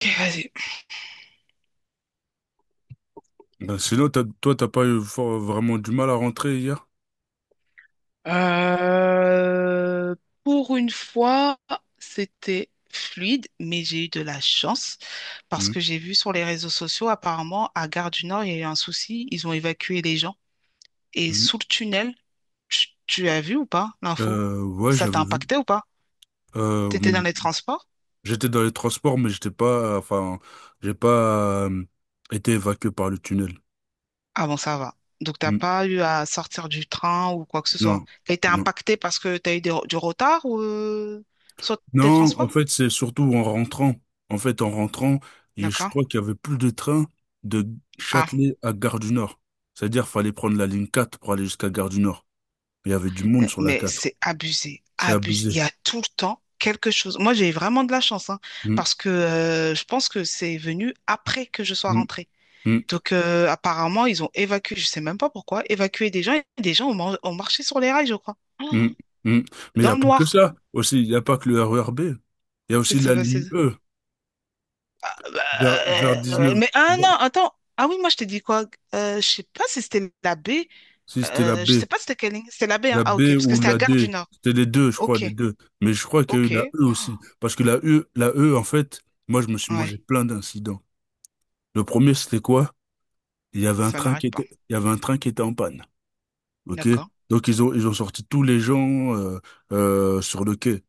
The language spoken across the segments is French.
Ok, vas-y. Ben, sinon, t'as, toi, t'as pas eu vraiment du mal à rentrer hier? Euh, pour une fois, c'était fluide, mais j'ai eu de la chance parce Mhm, que j'ai vu sur les réseaux sociaux, apparemment, à Gare du Nord, il y a eu un souci. Ils ont évacué les gens. Et mhm. sous le tunnel, tu as vu ou pas l'info? Ouais, Ça j'avais t'a vu. impacté ou pas? T'étais dans Mhm. les transports? J'étais dans les transports, mais j'étais pas, enfin, j'ai pas été évacué par le tunnel. Ah bon, ça va. Donc, t'as Mhm. pas eu à sortir du train ou quoi que ce Non, soit. T'as été non. impacté parce que t'as eu du retard ou, sur tes Non, en transports? fait, c'est surtout en rentrant. En fait, en rentrant, et je D'accord. crois qu'il y avait plus de train de Ah. Châtelet à Gare du Nord. C'est-à-dire, fallait prendre la ligne 4 pour aller jusqu'à Gare du Nord. Il y avait du monde sur la mais 4. c'est abusé, C'est abusé. Il abusé. y a tout le temps quelque chose. Moi, j'ai vraiment de la chance, hein, Mhm, parce que je pense que c'est venu après que je sois mhm, rentrée. mhm. Donc, apparemment, ils ont évacué, je sais même pas pourquoi, évacué des gens et des gens ont marché sur les rails, je crois. Oh. Mm, mm. Mais il n'y Dans a le pas que noir. ça aussi, il n'y a pas que le RERB. Il y a aussi Qu'est-ce qui s'est la passé? ligne E Ah bah, vers 19. mais ah vers- non, attends. Ah oui, moi, je t'ai dit quoi? Je sais pas si c'était la baie. Si c'était la Je B, sais pas si c'était quelle ligne. C'était la baie, hein? la Ah, B ok, parce que ou c'était à la Gare du D, Nord. c'était les deux, je crois, Ok, les deux. Mais je crois qu'il y a eu la ok. E aussi. Oh. Parce que la E, en fait, moi, je me suis mangé Ouais, plein d'incidents. Le premier, c'était quoi? Il y avait un ça train qui n'arrête pas. était, il y avait un train qui était en panne. OK? D'accord. Donc, ils ont sorti tous les gens sur le quai.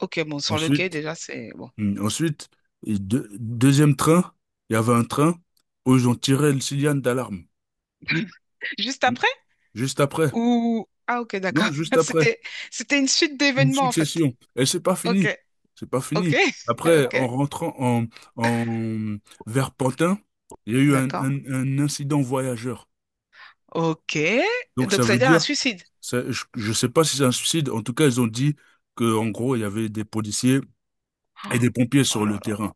Ok, bon, sur le quai, Ensuite, déjà, c'est bon. Ensuite, et deuxième train, il y avait un train où ils ont tiré le signal d'alarme. Juste Hmm, après? Juste après. Ah, ok, d'accord. Non, juste après. C'était, c'était une suite Une d'événements, en fait. succession. Et c'est pas Ok, fini. C'est pas ok, fini. Après, ok, en rentrant en, en vers Pantin, il y a eu un, d'accord. un- un incident voyageur. Ok. Donc ça Donc, ça veut veut dire un dire, suicide. Je sais pas si c'est un suicide. En tout cas, ils ont dit que, en gros, il y avait des policiers et des Ah. pompiers Oh sur là le là, terrain.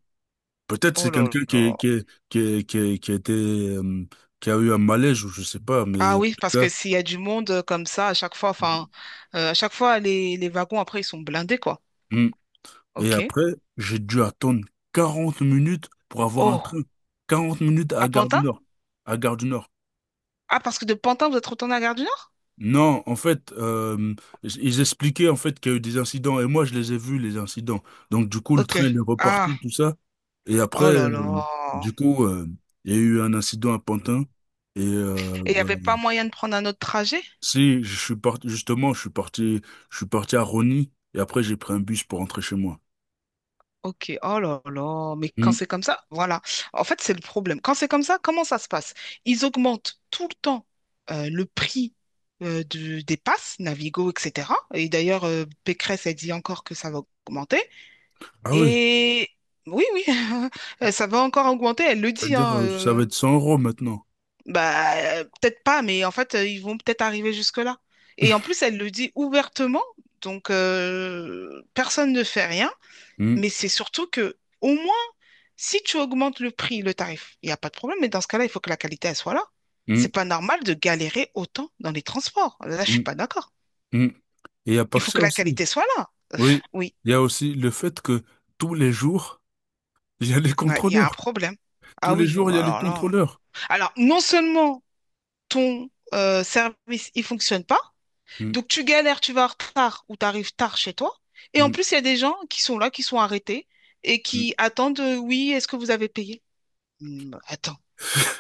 Peut-être c'est oh là quelqu'un là. Qui a eu un malaise ou je sais pas, mais Ah en oui, tout parce cas. que s'il y a du monde comme ça, à chaque fois, enfin, à chaque fois, les wagons, après, ils sont blindés, quoi. Mm. Et Ok. après, j'ai dû attendre 40 minutes pour avoir un Oh, train. 40 minutes à à Gare du Pantin? Nord. À Gare du Nord. Ah, parce que de Pantin, vous êtes retourné à Gare du Nord? Non, en fait, ils expliquaient en fait qu'il y a eu des incidents et moi je les ai vus les incidents. Donc du coup, le Ok. train il est Ah, reparti, tout ça. Et après, oh là là. du coup, il y a eu un incident à Pantin et Et il n'y bah, avait pas moyen de prendre un autre trajet? si, je suis parti, justement, je suis parti, à Rony et après j'ai pris un bus pour rentrer chez moi. Ok, oh là là, mais quand Hmm. c'est comme ça, voilà. En fait, c'est le problème. Quand c'est comme ça, comment ça se passe? Ils augmentent tout le temps le prix des passes, Navigo, etc. Et d'ailleurs, Pécresse a dit encore que ça va augmenter. Ah oui, Et oui, oui, ça va encore augmenter, elle le dit, c'est-à-dire, hein. Ça va être 100 euros maintenant. Bah, peut-être pas, mais en fait, ils vont peut-être arriver jusque-là. Et en plus, elle le dit ouvertement, donc personne ne fait rien, Hmm, mais c'est surtout que au moins si tu augmentes le prix, le tarif, il n'y a pas de problème, mais dans ce cas-là, il faut que la qualité, elle soit là. hmm, C'est pas normal de galérer autant dans les transports. Là, je suis hmm, pas d'accord. hmm. Et il n'y a pas Il que faut que ça la aussi. qualité soit là. Oui, Oui. il y a aussi le fait que tous les jours, il y a les Ouais, il y a un contrôleurs. problème. Tous Ah les oui, jours, il bah y a les alors là. contrôleurs. Alors, non seulement ton service, il fonctionne pas, Hmm, donc tu galères, tu vas en retard ou tu arrives tard chez toi, et en hmm, plus, il y a des gens qui sont là, qui sont arrêtés et hmm, qui attendent, oui, est-ce que vous avez payé? Attends.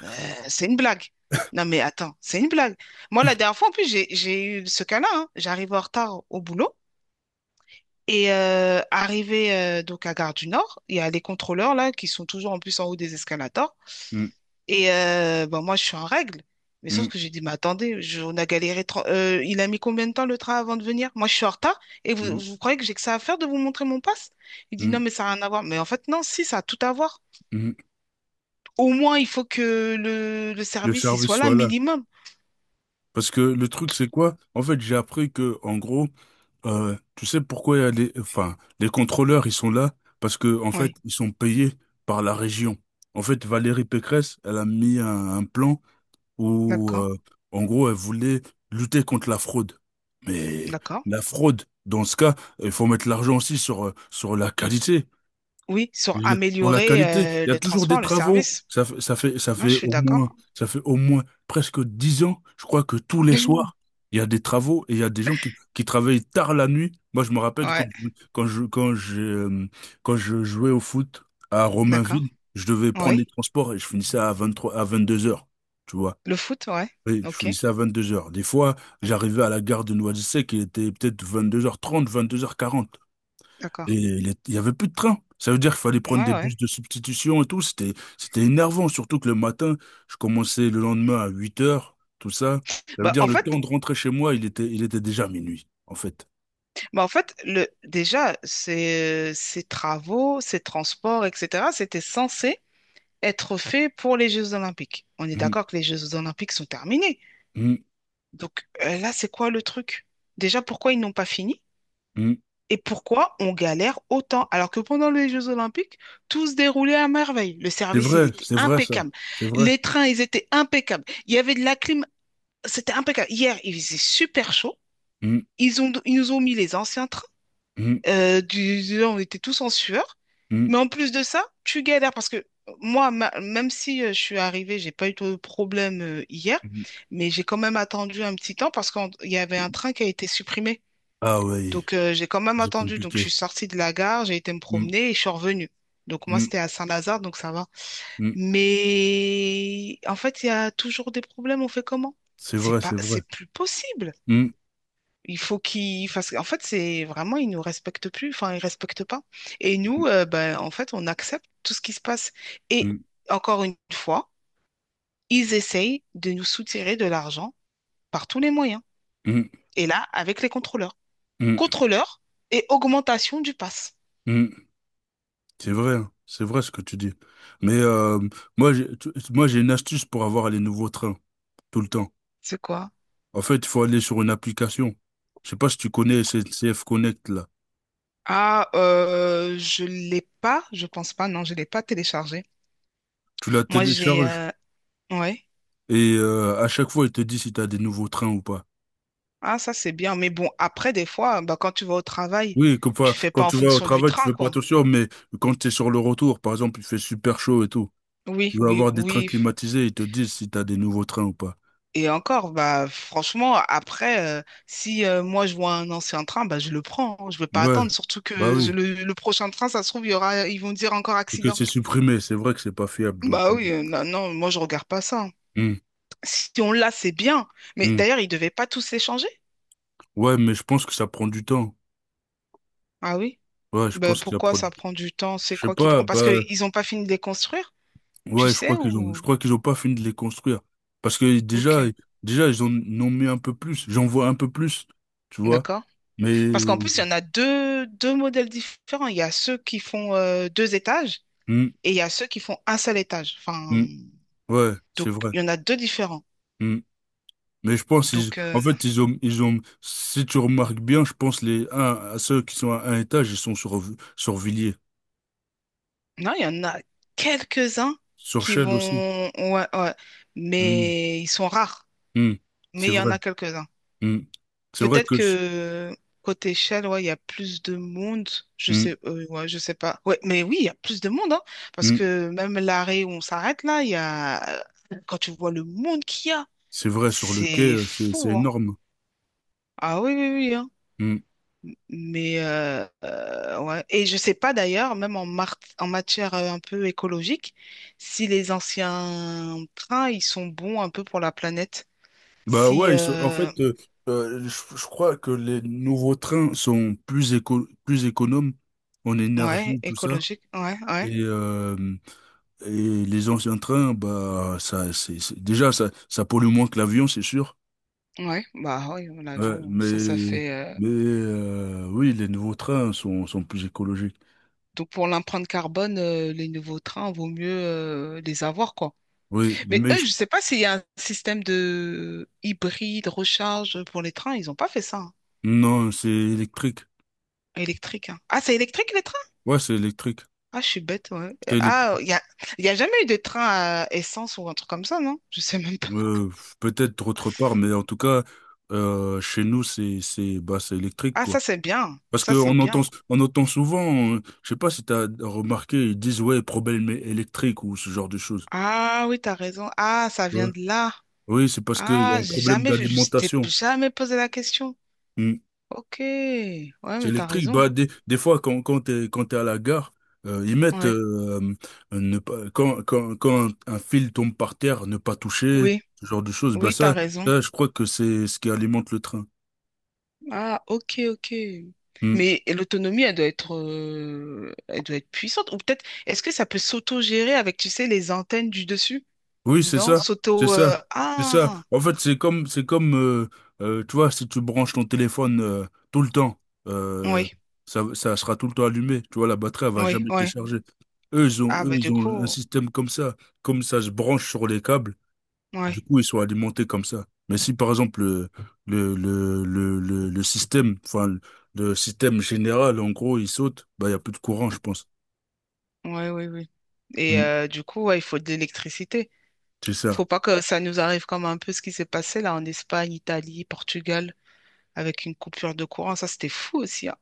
Euh, C'est une blague. Non, mais attends, c'est une blague. Moi, la dernière fois, en plus, j'ai eu ce cas-là, hein. J'arrive en retard au boulot. Et arrivé donc à Gare du Nord, il y a les contrôleurs là qui sont toujours en plus en haut des escalators. Et ben, moi, je suis en règle. Mais hmm, sauf que j'ai dit, mais attendez, on a galéré. Il a mis combien de temps le train avant de venir? Moi, je suis en retard. Et vous, hmm, vous croyez que j'ai que ça à faire de vous montrer mon passe? Il dit, hmm, non, mais ça n'a rien à voir. Mais en fait, non, si, ça a tout à voir. hmm, hmm. Au moins, il faut que le Le service il service soit là, soit là. minimum. Parce que le truc, c'est quoi? En fait, j'ai appris que, en gros, tu sais pourquoi il y a les, enfin, les contrôleurs, ils sont là parce que, en fait, Oui. ils sont payés par la région. En fait, Valérie Pécresse, elle a mis un plan où, D'accord, en gros, elle voulait lutter contre la fraude. Mais d'accord. la fraude, dans ce cas, il faut mettre l'argent aussi sur la qualité. Oui, sur Pour la améliorer qualité, il y a le toujours des transport, le travaux. service. Moi, je suis d'accord. Ça fait au moins presque 10 ans. Je crois que tous les soirs, il y a des travaux et il y a des gens qui travaillent tard la nuit. Moi, je me rappelle quand, Ouais, quand je, quand j'ai, euh, quand je jouais au foot à d'accord. Romainville, je devais prendre les Oui. transports et je finissais à 23h à 22h. Tu vois? Le foot, ouais. Oui, je Ok. finissais à 22h. Des fois, Ouais, j'arrivais à la gare de Noisy-le-Sec, il était peut être 22h30, 22h40. d'accord. Il y avait plus de train. Ça veut dire qu'il fallait prendre Ouais, des ouais. bus de substitution et tout. C'était énervant, surtout que le matin, je commençais le lendemain à 8h, tout ça. Ça veut Bah, dire en le temps fait, de rentrer chez moi, il était déjà minuit, en fait. bah, en fait le, déjà, ces travaux, ces transports, etc., c'était censé être fait pour les Jeux Olympiques. On est Mhm, d'accord que les Jeux Olympiques sont terminés. mhm, Donc là, c'est quoi le truc? Déjà, pourquoi ils n'ont pas fini? mhm. Et pourquoi on galère autant alors que pendant les Jeux Olympiques, tout se déroulait à merveille. Le service, il était C'est vrai ça. impeccable. C'est vrai. Les trains, ils étaient impeccables. Il y avait de la clim, c'était impeccable. Hier, il faisait super chaud. Mhm, Ils ont, ils nous ont mis les anciens trains. mhm, On était tous en sueur. mhm, Mais en plus de ça, tu galères parce que moi, même si je suis arrivée, j'ai pas eu de problème hier, mhm. mais j'ai quand même attendu un petit temps parce qu'il y avait un train qui a été supprimé. Ah oui, Donc, j'ai quand même c'est attendu. Donc, je compliqué. suis sortie de la gare, j'ai été me Mhm, promener et je suis revenue. Donc, moi, mhm, c'était à Saint-Lazare, donc ça va. mhm. Mais en fait, il y a toujours des problèmes. On fait comment? C'est C'est vrai, c'est pas, vrai. c'est plus possible. Mhm, Il faut qu'ils fassent. En fait, c'est vraiment, ils nous respectent plus. Enfin, ils respectent pas. Et mhm, nous, ben, en fait, on accepte tout ce qui se passe. Et encore une fois, ils essayent de nous soutirer de l'argent par tous les moyens. mhm, Et là, avec les contrôleurs. mhm, Contrôleurs et augmentation du pass. mhm. C'est vrai, hein, c'est vrai ce que tu dis. Mais moi, j'ai une astuce pour avoir les nouveaux trains tout le temps. C'est quoi? En fait, il faut aller sur une application. Je sais pas si tu connais SNCF Connect là. Ah, je l'ai pas, je pense pas, non, je l'ai pas téléchargé. Tu la Moi, j'ai, télécharges ouais. et à chaque fois, il te dit si tu as des nouveaux trains ou pas. Ah, ça c'est bien, mais bon, après des fois, bah quand tu vas au travail, Oui, comme ça, tu fais quand pas en tu vas au fonction du travail, tu train, fais pas quoi. attention, mais quand tu es sur le retour, par exemple, il fait super chaud et tout. Oui, Tu vas oui, avoir des trains oui. climatisés, ils te disent si tu as des nouveaux trains ou pas. Et encore, bah franchement, après, si moi je vois un ancien train, bah je le prends, hein. Je vais pas Ouais, attendre, surtout bah que oui. Le prochain train, ça se trouve, il y aura, ils vont dire encore Et que accident. c'est supprimé, c'est vrai que c'est pas fiable. Donc, Bah oui, non, non, moi je regarde pas ça, hein. hum, Si on l'a, c'est bien. Mais hum. d'ailleurs, ils devaient pas tous s'échanger. Ouais, mais je pense que ça prend du temps. Ah oui. Ouais, je Bah, pense que ça pourquoi prend ça du temps. prend du temps? C'est Je sais quoi qui pas, prend? Parce bah, qu'ils n'ont pas fini de les construire, tu ouais, sais, je ou... crois qu'ils ont pas fini de les construire. Parce que Ok, déjà, ils en ont mis un peu plus. J'en vois un peu plus, tu vois. d'accord. Mais, Parce qu'en plus, il y en a deux, deux modèles différents. Il y a ceux qui font deux étages hmm, et il y a ceux qui font un seul étage. Enfin, hmm, ouais, c'est donc, vrai. il y en a deux différents. Hmm. Mais je pense, ils, Donc, en fait, si tu remarques bien, je pense les un, à ceux qui sont à un étage, ils sont sur Villiers. non, il y en a quelques-uns Sur qui Chelles aussi. vont... Ouais, ouais. Hmm, Mais ils sont rares. hmm. C'est Mais il y en vrai. a quelques-uns. Hmm. C'est vrai Peut-être que, que côté Shell, ouais, il y a plus de monde. Je hmm, sais, ouais, je sais pas. Ouais, mais oui, il y a plus de monde, hein, parce hmm. que même l'arrêt où on s'arrête là, il y a quand tu vois le monde qu'il y a, C'est vrai, sur le quai, c'est c'est fou, hein. énorme. Ah oui, oui, oui, hein. Mm. Mais ouais. Et je sais pas d'ailleurs, même en, en matière un peu écologique, si les anciens trains, ils sont bons un peu pour la planète. Bah Si ouais, en fait, je crois que les nouveaux trains sont plus plus économes en ouais, énergie, tout ça. écologique, ouais, ouais. Et, euh, et les anciens trains, bah ça, déjà ça, pollue moins que l'avion, c'est sûr. Ouais, bah oui, Ouais, l'avion, ça mais fait. Oui, les nouveaux trains sont plus écologiques. Donc pour l'empreinte carbone, les nouveaux trains, vaut mieux les avoir, quoi. Oui, Mais mais eux, je sais pas s'il y a un système de hybride, recharge pour les trains, ils ont pas fait ça, hein. non, c'est électrique. Électrique, hein. Ah, c'est électrique les trains? Ouais, c'est électrique. Ah, je suis bête, ouais. C'est électrique. Ah, il y a jamais eu de train à essence ou un truc comme ça, non? Je sais même pas. Euh, Peut-être autre part, mais en tout cas, chez nous, bah, c'est électrique, Ah, quoi. ça c'est bien. Parce que Ça c'est on entend bien. Souvent, je sais pas si t'as remarqué, ils disent, ouais, problème électrique ou ce genre de choses. Ah oui, t'as raison. Ah, ça Tu vient vois. de là. Oui, c'est parce qu'il y Ah, a un j'ai problème jamais, je t'ai d'alimentation. jamais posé la question. Hmm. Ok, ouais, C'est mais t'as électrique. Bah, raison, des fois, quand t'es à la gare, ils hein. mettent, Ouais, ne pas, quand un fil tombe par terre, ne pas toucher, oui, ce genre de choses. Bah, oui, t'as ça, raison. ça, je crois que c'est ce qui alimente le train. Ah, ok, ok. Mmh. Mais l'autonomie, elle doit être puissante. Ou peut-être, est-ce que ça peut s'auto-gérer avec, tu sais, les antennes du dessus? Oui, c'est Non, ça, c'est ça, c'est ça. ah, En fait, c'est comme, tu vois, si tu branches ton téléphone tout le temps, euh, oui, ça sera tout le temps allumé. Tu vois, la batterie, elle va oui, jamais se oui. décharger. Ah, Eux, bah ils du ont un coup, système comme ça. Comme ça se branche sur les câbles, du ouais, coup, ils sont alimentés comme ça. Mais si, par exemple, le système, enfin, le système général, en gros, il saute, bah, il n'y a plus de courant, je pense. ouais, oui, oui. Et Mm. Du coup, ouais, il faut de l'électricité. C'est ça. Faut pas que ça nous arrive comme un peu ce qui s'est passé là en Espagne, Italie, Portugal, avec une coupure de courant. Ça, c'était fou aussi, hein.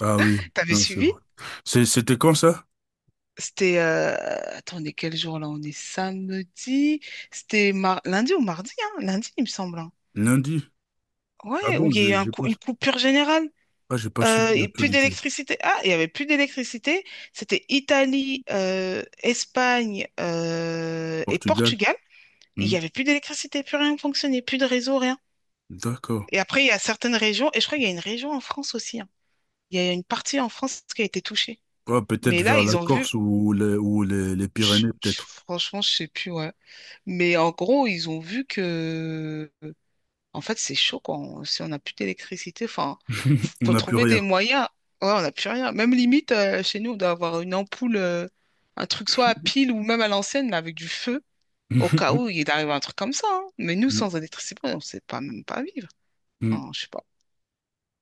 Ah oui, T'avais non, c'est suivi? vrai. C'était quand ça? C'était, attendez, quel jour là? On est samedi. C'était lundi ou mardi, hein? Lundi, il me semble, hein. Lundi? Ah Ouais, où bon, il y a eu un une coupure générale. J'ai pas suivi Et plus l'actualité. d'électricité. Ah, il y avait plus d'électricité. C'était Italie, Espagne et Portugal? Portugal. Il y Hmm, avait plus d'électricité, plus rien ne fonctionnait, plus de réseau, rien. d'accord. Et après, il y a certaines régions, et je crois qu'il y a une région en France aussi, hein. Il y a une partie en France qui a été touchée. Ah, peut-être Mais là, vers ils la ont vu. Corse ou les Pyrénées, peut-être. Franchement, je sais plus, ouais. Mais en gros, ils ont vu que, en fait, c'est chaud, quoi. On- si on n'a plus d'électricité, enfin, On faut n'a plus trouver rien. des moyens. Ouais, on n'a plus rien. Même limite, chez nous, on doit avoir une ampoule, un truc soit à pile ou même à l'ancienne, mais avec du feu, au cas où il arrive un truc comme ça, hein. Mais nous, Hmm, sans électricité, on ne sait pas même pas vivre. hmm. Enfin, je sais pas.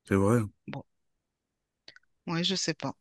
C'est vrai. Bon, ouais, je sais pas.